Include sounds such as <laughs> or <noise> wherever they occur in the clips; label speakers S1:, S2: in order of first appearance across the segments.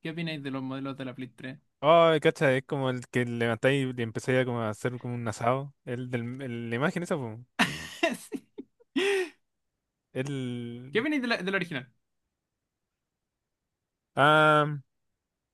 S1: ¿Qué opináis de los modelos de la Play tres?
S2: Ay, cacha, es como el que levantáis y empezáis a, como a hacer como un asado. La imagen esa, po.
S1: <laughs> Sí. ¿Qué
S2: El.
S1: opináis de del original?
S2: Ah,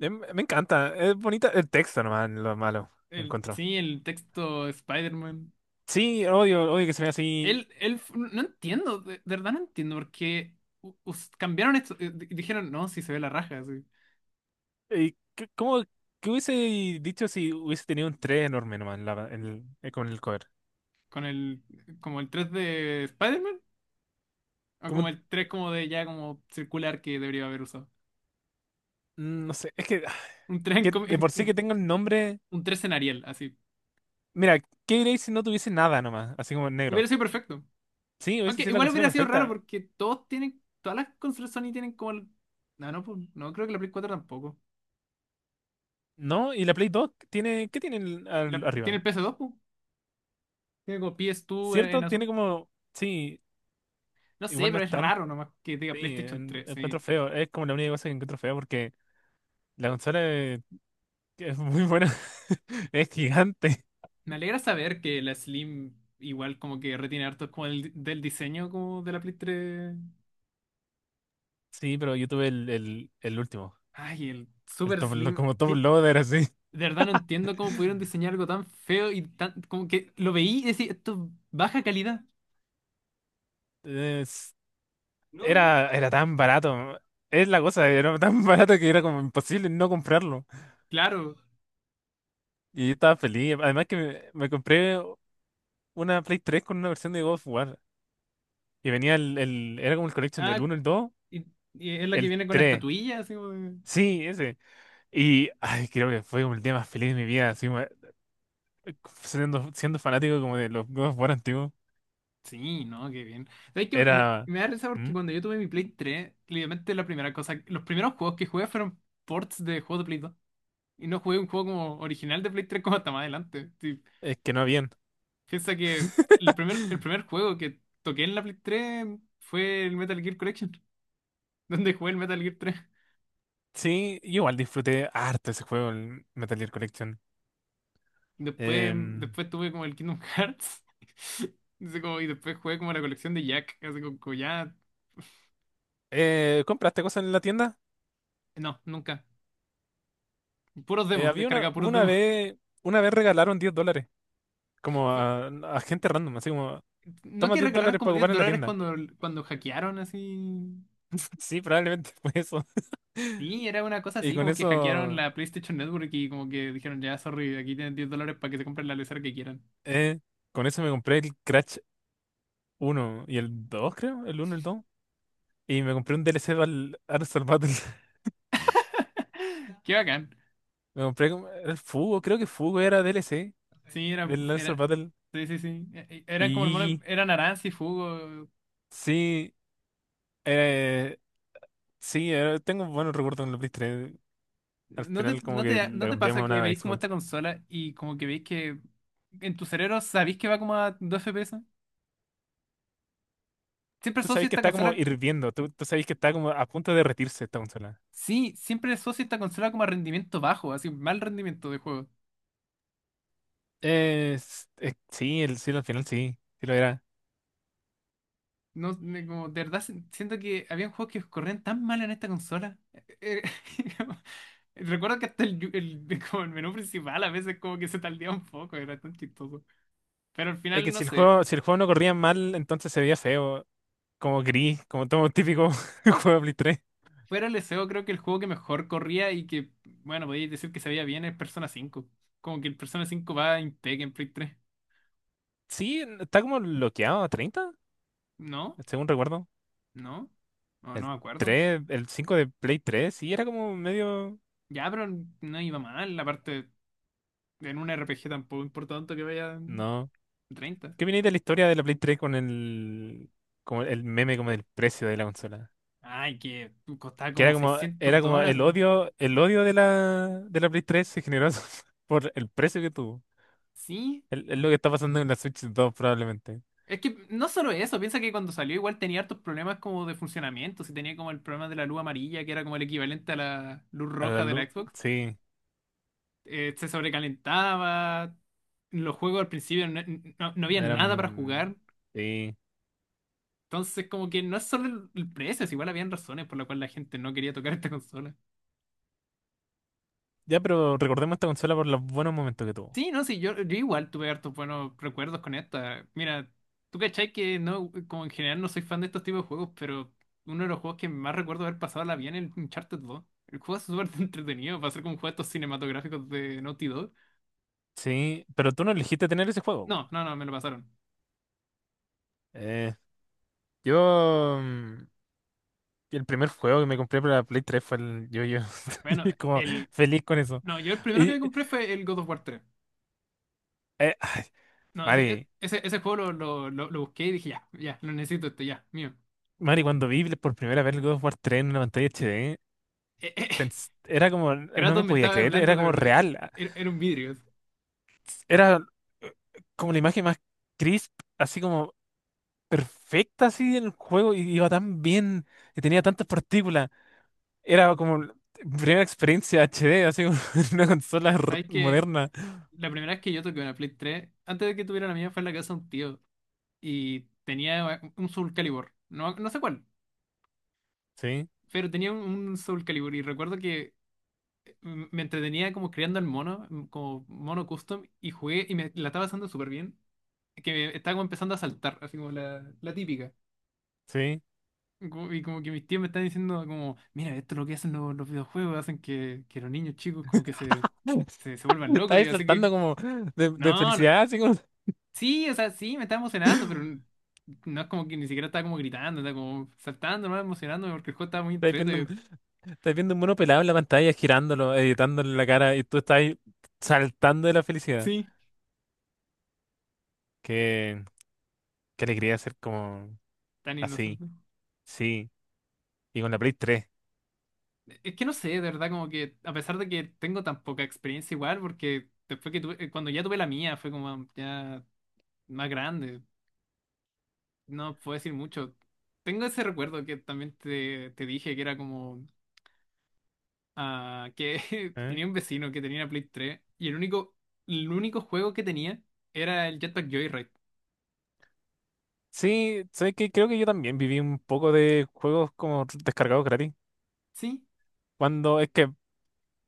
S2: Me encanta. Es bonita. El texto nomás, lo malo,
S1: El,
S2: encuentro.
S1: sí, el texto Spider-Man.
S2: Sí, odio, odio que se vea así.
S1: No entiendo, de verdad no entiendo por qué cambiaron esto. Dijeron, no, si se ve la raja, así,
S2: ¿Cómo? ¿Qué hubiese dicho si hubiese tenido un 3 enorme nomás en la- en el- con el cover?
S1: con el, como el 3 de Spider-Man, o
S2: Como,
S1: como
S2: un-
S1: el 3 como de ya como circular que debería haber usado.
S2: no sé, es que,
S1: Un 3 en,
S2: que
S1: com-
S2: de por
S1: <laughs>
S2: sí que
S1: en-
S2: tenga el nombre.
S1: un tres en Arial, así.
S2: Mira, ¿qué diréis si no tuviese nada nomás? Así como en negro.
S1: Hubiera sido perfecto.
S2: Sí, hubiese
S1: Aunque
S2: sido la
S1: igual
S2: consola
S1: hubiera sido raro
S2: perfecta.
S1: porque todos tienen, todas las consolas Sony tienen como No, no, pues, no creo que la Play 4 tampoco.
S2: No, y la Play 2 tiene, ¿qué tiene
S1: Tiene
S2: arriba?
S1: el PS2, po. Tiene como PS2 en,
S2: ¿Cierto? Tiene
S1: azul.
S2: como, sí,
S1: No sé,
S2: igual no
S1: pero
S2: es
S1: es
S2: tan,
S1: raro nomás que diga
S2: sí,
S1: PlayStation 3,
S2: encuentro
S1: sí.
S2: feo, es como la única cosa que encuentro feo porque la consola es muy buena, <laughs> es gigante.
S1: Me alegra saber que la Slim igual como que retiene harto como del diseño como de la Play 3.
S2: Sí, pero yo tuve el último,
S1: Ay, el
S2: el
S1: Super
S2: top,
S1: Slim.
S2: como top
S1: ¿Qué?
S2: loader así.
S1: De verdad no entiendo cómo pudieron diseñar algo tan feo y tan... Como que lo veí y decía, esto es baja calidad.
S2: Es-
S1: No, no.
S2: era tan barato, es la cosa, era tan <laughs> barato que era como imposible no comprarlo.
S1: Claro.
S2: Y yo estaba feliz, además que me compré una Play 3 con una versión de God of War. Y venía era como el collection del
S1: Ah,
S2: uno, el dos,
S1: y, y es la que
S2: el
S1: viene con la
S2: tres.
S1: estatuilla, así como de-
S2: Sí, ese. Y ay, creo que fue como el día más feliz de mi vida, así como, siendo fanático como de los God of War antiguos.
S1: Sí, no, qué bien. ¿Sabes que me,
S2: Era.
S1: me da risa porque
S2: ¿Mm?
S1: cuando yo tuve mi Play 3, literalmente la primera cosa, los primeros juegos que jugué fueron ports de juegos de Play 2? Y no jugué un juego como original de Play 3 como hasta más adelante. Sí,
S2: Es que no habían.
S1: piensa que el primer, el
S2: <laughs>
S1: primer juego que toqué en la Play 3 fue el Metal Gear Collection, <laughs> donde jugué el Metal Gear 3.
S2: Sí, yo igual disfruté harto ese juego, el Metal Gear Collection.
S1: Después,
S2: Em,
S1: Después tuve como el Kingdom Hearts. <laughs> Así como- y después jugué como la colección de Jack. Así como, como ya.
S2: ¿Compraste cosas en la tienda?
S1: No, nunca. Puros demos,
S2: Había una,
S1: descargaba puros
S2: una
S1: demos.
S2: vez, una vez regalaron $10, como
S1: <laughs>
S2: a gente random, así como,
S1: No
S2: toma
S1: que
S2: 10
S1: regalaron
S2: dólares
S1: como
S2: para ocupar
S1: 10
S2: en la
S1: dólares
S2: tienda.
S1: cuando, hackearon así.
S2: <laughs> Sí, probablemente fue eso.
S1: Sí, era una cosa
S2: Y
S1: así,
S2: con
S1: como que hackearon
S2: eso,
S1: la PlayStation Network y como que dijeron, ya, sorry, aquí tienen $10 para que se compren la lesera que quieran.
S2: eh, con eso me compré el Crash uno y el dos, creo, el uno y el dos. Y me compré un DLC al Armstrong Battle. <laughs>
S1: Qué bacán.
S2: Me compré era el Fugo, creo que Fugo era DLC
S1: Sí,
S2: del Armstrong Battle.
S1: sí, sí, sí.
S2: Y
S1: Eran como hermanos,
S2: Iggy,
S1: eran Aranz y Fugo.
S2: sí, eh, sí, tengo buenos recuerdos en la Play 3. Al
S1: ¿No te,
S2: final como
S1: no
S2: que
S1: te,
S2: la
S1: no te
S2: cambiamos
S1: pasa
S2: a
S1: que
S2: una
S1: veis como esta
S2: Xbox.
S1: consola y como que veis que en tu cerebro sabéis que va como a 2 FPS? Siempre
S2: Tú sabes
S1: asocio
S2: que
S1: esta
S2: está como
S1: consola,
S2: hirviendo, tú sabes que está como a punto de derretirse esta consola.
S1: sí, siempre asocio esta consola como a rendimiento bajo, así, mal rendimiento de juego.
S2: Sí, sí, al final sí, sí lo era.
S1: No, como, de verdad siento que había juegos que corrían tan mal en esta consola. Eh, <laughs> como- Recuerdo que hasta <laughs> como el menú principal a veces como que se tardía un poco, era tan chistoso. Pero al
S2: Es que
S1: final, no
S2: si el
S1: sé,
S2: juego, si el juego no corría mal, entonces se veía feo, como gris, como todo típico <laughs> juego de Play 3.
S1: fuera el SEO creo que el juego que mejor corría y que, bueno, podéis decir que se veía bien es Persona 5. Como que el Persona 5 va impec en Play 3.
S2: Sí, está como bloqueado a 30
S1: ¿No?
S2: según recuerdo.
S1: ¿No? No,
S2: El
S1: no me acuerdo.
S2: tres, el 5 de Play 3, sí, era como medio.
S1: Ya, pero no iba mal, aparte en un RPG tampoco importa tanto que vaya en
S2: No.
S1: 30.
S2: ¿Qué viene de la historia de la Play 3 con el, como el meme como del precio de la consola?
S1: Ay, que costaba
S2: Que era
S1: como
S2: como,
S1: 600
S2: era como el
S1: dólares.
S2: odio, el odio de la Play 3 se generó <laughs> por el precio que tuvo.
S1: Sí.
S2: El es lo que está pasando en la Switch 2 probablemente.
S1: Es que no solo eso, piensa que cuando salió igual tenía hartos problemas como de funcionamiento. Si tenía como el problema de la luz amarilla, que era como el equivalente a la luz
S2: A la
S1: roja de
S2: luz,
S1: la Xbox.
S2: sí.
S1: Se sobrecalentaba. Los juegos al principio no, no había nada para
S2: Eran.
S1: jugar.
S2: Sí.
S1: Entonces como que no es solo el precio, es igual habían razones por las cuales la gente no quería tocar esta consola.
S2: Ya, pero recordemos esta consola por los buenos momentos que tuvo.
S1: Sí, no, sí, yo igual tuve hartos buenos recuerdos con esta. Mira, tú cachai que no, como en general no soy fan de estos tipos de juegos, pero uno de los juegos que más recuerdo haber pasado la vida en el Uncharted 2. El juego es súper <laughs> entretenido, para ser como un juego de estos cinematográficos de Naughty Dog.
S2: Sí, pero tú no elegiste tener ese juego.
S1: No, no, no, me lo pasaron.
S2: Eh, yo... mm, El primer juego que me compré para la Play 3 fue el Yo-Yo. <laughs>
S1: Bueno,
S2: Y como
S1: el.
S2: feliz con eso.
S1: No, yo el primero que me
S2: Y...
S1: compré fue el God of War tres.
S2: eh,
S1: No, ese,
S2: Mari,
S1: ese juego lo busqué y dije, ya, ya, lo necesito este, ya, mío.
S2: Mari, cuando vi por primera vez el God of War 3 en una pantalla HD,
S1: Eh, eh, <laughs>
S2: era como. No me
S1: Kratos me
S2: podía
S1: estaba
S2: creer,
S1: hablando
S2: era
S1: de
S2: como
S1: verdad.
S2: real.
S1: Era un vidrio.
S2: Era eh, como la imagen más crisp, así como perfecta así en el juego y iba tan bien y tenía tantas partículas. Era como la primera experiencia HD, así como <laughs> una consola
S1: ¿Sabes qué?
S2: moderna.
S1: La primera vez que yo toqué una Play 3, antes de que tuviera la mía, fue en la casa de un tío. Y tenía un Soul Calibur. No, no sé cuál,
S2: Sí,
S1: pero tenía un Soul Calibur. Y recuerdo que me entretenía como creando el mono, como mono custom. Y jugué y me la estaba pasando súper bien. Que me estaba como empezando a saltar, así como la típica.
S2: sí.
S1: Como- Y como que mis tíos me están diciendo como, mira, esto es lo que hacen los videojuegos, hacen que los niños chicos como que
S2: <laughs>
S1: se vuelvan locos. Y
S2: Estáis
S1: así
S2: saltando
S1: que,
S2: como de
S1: no, no.
S2: felicidad, así como
S1: Sí, o sea, sí, me estaba emocionando, pero no es como que ni siquiera estaba como gritando, estaba como saltando, no emocionándome porque el juego estaba muy
S2: estáis viendo,
S1: entrete.
S2: un- estáis viendo un mono pelado en la pantalla, girándolo, editándole la cara y tú estás saltando de la felicidad.
S1: Sí,
S2: Qué, qué alegría ser como
S1: tan
S2: así,
S1: inocente.
S2: sí. Y con la Play 3.
S1: Es que no sé, de verdad, como que a pesar de que tengo tan poca experiencia igual, porque después que tuve, cuando ya tuve la mía, fue como ya más grande, no puedo decir mucho. Tengo ese recuerdo que también te dije que era como ah, que <laughs>
S2: ¿Eh?
S1: tenía un vecino que tenía una Play 3 y el único juego que tenía era el Jetpack Joyride.
S2: Sí, sé que creo que yo también viví un poco de juegos como descargados gratis.
S1: Sí,
S2: Cuando es que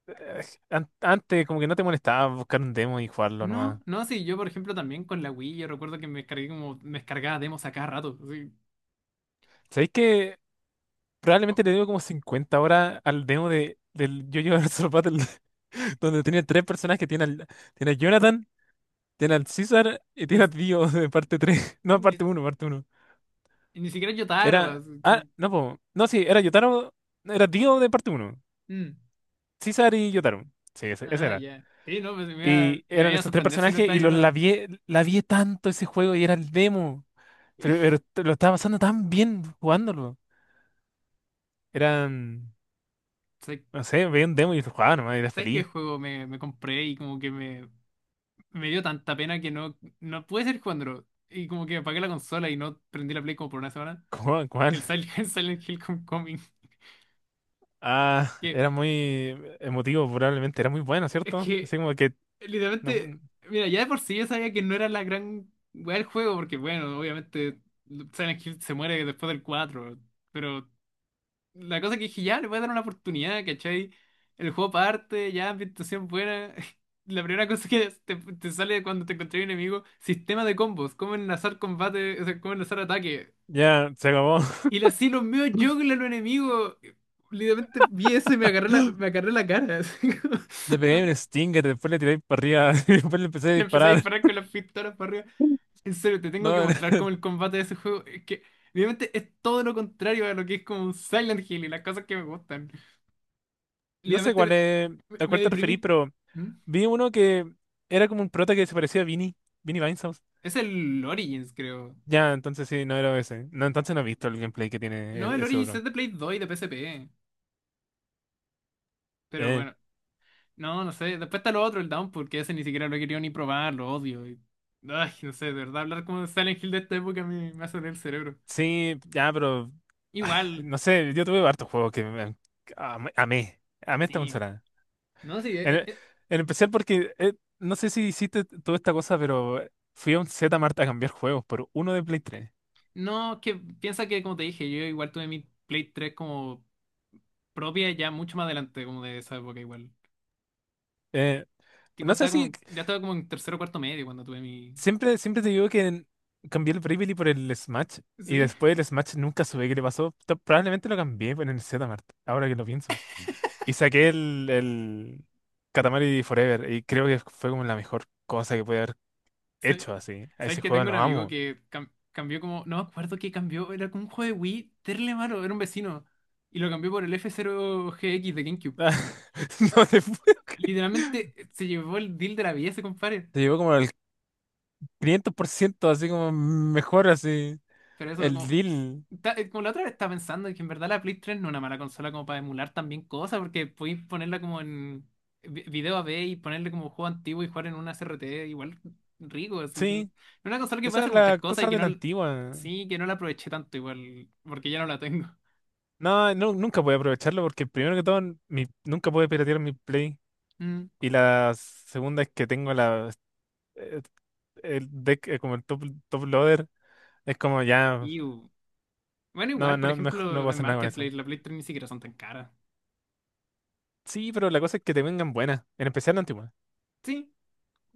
S2: eh, antes como que no te molestaba buscar un demo y jugarlo nomás.
S1: no, no, sí, yo por ejemplo también con la Wii, yo recuerdo que me descargué como, me descargaba demos a cada rato, así,
S2: ¿Sabéis que probablemente le debo como 50 horas al demo del JoJo Bizarre Battle, <laughs> donde tiene tres personajes que tiene a Jonathan, tiene al César y
S1: y,
S2: tiene a Dio de parte tres. <laughs> No,
S1: y-
S2: parte uno.
S1: y ni siquiera Yotaro,
S2: Era.
S1: así,
S2: Ah, no, po, no, sí, era Yotaro, era Dio de parte uno,
S1: mm,
S2: César y Yotaro. Sí, ese
S1: ah,
S2: era.
S1: ya, sí, no, pues
S2: Y
S1: me
S2: eran
S1: iba a
S2: estos tres
S1: sorprender si no
S2: personajes
S1: estaba
S2: y los
S1: Yotaro.
S2: labié, labié tanto ese juego y era el demo.
S1: <laughs>
S2: Lo estaba pasando tan bien jugándolo. Eran,
S1: ¿Sabes
S2: no sé, veía un demo y lo jugaba nomás y era
S1: qué
S2: feliz.
S1: juego me compré y como que me dio tanta pena que no, no pude seguir jugándolo, y como que apagué la consola y no prendí la Play como por una semana,
S2: <laughs> ¿Cómo, cuál?
S1: el Silent, <laughs> Silent Hill Homecoming,
S2: Ah,
S1: que
S2: era muy emotivo probablemente, era muy bueno,
S1: es
S2: ¿cierto? Así
S1: que...
S2: como que no
S1: Literalmente,
S2: pu-
S1: mira, ya de por sí yo sabía que no era la gran weá del juego, porque bueno, obviamente Silent Hill se muere después del cuatro, pero la cosa que dije, ya, le voy a dar una oportunidad, ¿cachai? El juego parte, ya, ambientación buena. <laughs> La primera cosa que te sale cuando te encontré un enemigo, sistema de combos, cómo enlazar combate, o sea, cómo enlazar ataque.
S2: ya se acabó. <laughs>
S1: Y le así los míos juggles a los enemigos. Literalmente vi eso y me agarré la cara. <laughs> Así como-
S2: Le pegué un Stinger, después le tiré para arriba <laughs> y después le empecé a
S1: Le empecé a
S2: disparar.
S1: disparar con las pistolas para arriba. En serio, te tengo
S2: No,
S1: que mostrar cómo el
S2: <laughs>
S1: combate de ese juego es que obviamente es todo lo contrario a lo que es como un Silent Hill y las cosas que me gustan.
S2: no sé
S1: Literalmente
S2: a cuál
S1: me
S2: te referí,
S1: deprimí.
S2: pero
S1: ¿Mm?
S2: vi uno que era como un prota que se parecía a Vinny, Vinny Vinehouse.
S1: Es el Origins, creo.
S2: Ya, entonces sí, no era ese. No, entonces no he visto el gameplay que tiene
S1: No, el
S2: ese
S1: Origins
S2: otro.
S1: es de Play 2 y de PSP. Pero
S2: Eh,
S1: bueno, no, no sé. Después está lo otro, el Down, porque ese ni siquiera lo he querido ni probar, lo odio. Y- Ay, no sé, de verdad, hablar como de Silent Hill de esta época me hace doler el cerebro.
S2: Sí, ya, pero
S1: Igual,
S2: no sé, yo tuve hartos juegos que am- amé, amé esta
S1: sí.
S2: consola.
S1: No, sí,
S2: En, en especial porque, no sé si hiciste toda esta cosa, pero fui a un Zmart a cambiar juegos por uno de Play 3.
S1: no, que piensa que como te dije, yo igual tuve mi Play 3 como propia ya mucho más adelante, como de esa época igual.
S2: Eh,
S1: Tipo,
S2: no sé
S1: estaba
S2: si,
S1: como, ya estaba como en tercero o cuarto medio cuando tuve mi...
S2: Siempre te digo que cambié el Bravely por el Smash y
S1: Sí,
S2: después el Smash nunca supe qué le pasó. Probablemente lo cambié por el Zmart, ahora que lo pienso. Y saqué el Katamari Forever y creo que fue como la mejor cosa que pude haber
S1: <laughs> ¿sabes?
S2: hecho así. A
S1: ¿Sabes
S2: ese
S1: que
S2: juego
S1: tengo un
S2: lo
S1: amigo
S2: amo.
S1: que cambió como... No me acuerdo qué cambió, era como un juego de Wii, terrible malo, era un vecino. Y lo cambió por el F-Zero GX de
S2: <laughs>
S1: GameCube.
S2: No te puedo creer.
S1: Literalmente se llevó el deal de la vida ese compadre.
S2: Te llevó como el 500%, así como mejor, así.
S1: Pero eso
S2: El
S1: como
S2: deal.
S1: como la otra vez estaba pensando que en verdad la Play 3 no es una mala consola como para emular también cosas, porque podéis ponerla como en video AV y ponerle como juego antiguo y jugar en una CRT igual rico, así. Es
S2: Sí,
S1: una consola que puede
S2: esa es
S1: hacer muchas
S2: la
S1: cosas
S2: cosa
S1: y que
S2: de
S1: no,
S2: la antigua.
S1: sí, que no la aproveché tanto igual, porque ya no la tengo. <laughs>
S2: No, no, nunca pude aprovecharlo porque primero que todo, nunca pude piratear mi Play.
S1: Mm.
S2: Y la segunda es que tengo la, eh, el deck, como el top loader. Es como ya,
S1: Y bueno,
S2: no,
S1: igual, por
S2: no, mejor no puedo
S1: ejemplo, en
S2: hacer nada con eso.
S1: Marketplace la Play 3 ni siquiera son tan caras.
S2: Sí, pero la cosa es que te vengan buenas, en especial la antigua.
S1: Sí,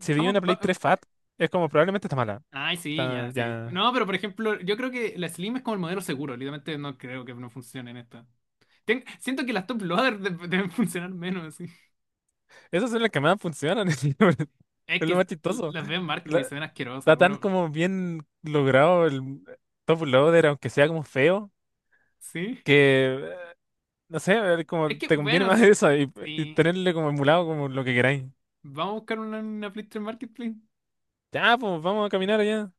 S2: Si veía una Play 3 Fat, es como probablemente está mala.
S1: Ay, sí, ya, sí.
S2: Ya.
S1: No, pero por ejemplo, yo creo que la Slim es como el modelo seguro. Literalmente no creo que no funcione en esta. Siento que las top loader deben funcionar menos. Sí.
S2: Esas son las que más funcionan. <laughs>
S1: Es
S2: Es lo más
S1: que
S2: chistoso.
S1: las veo en Marketplace y
S2: La-
S1: se ven
S2: Está
S1: asquerosas.
S2: tan
S1: Bueno,
S2: como bien logrado el top loader, aunque sea como feo,
S1: sí.
S2: que no sé,
S1: Es
S2: como
S1: que,
S2: te conviene <laughs>
S1: bueno,
S2: más eso y
S1: sí.
S2: tenerle como emulado como lo que queráis.
S1: Vamos a buscar una Flipster Marketplace.
S2: Ya, pues vamos a caminar allá.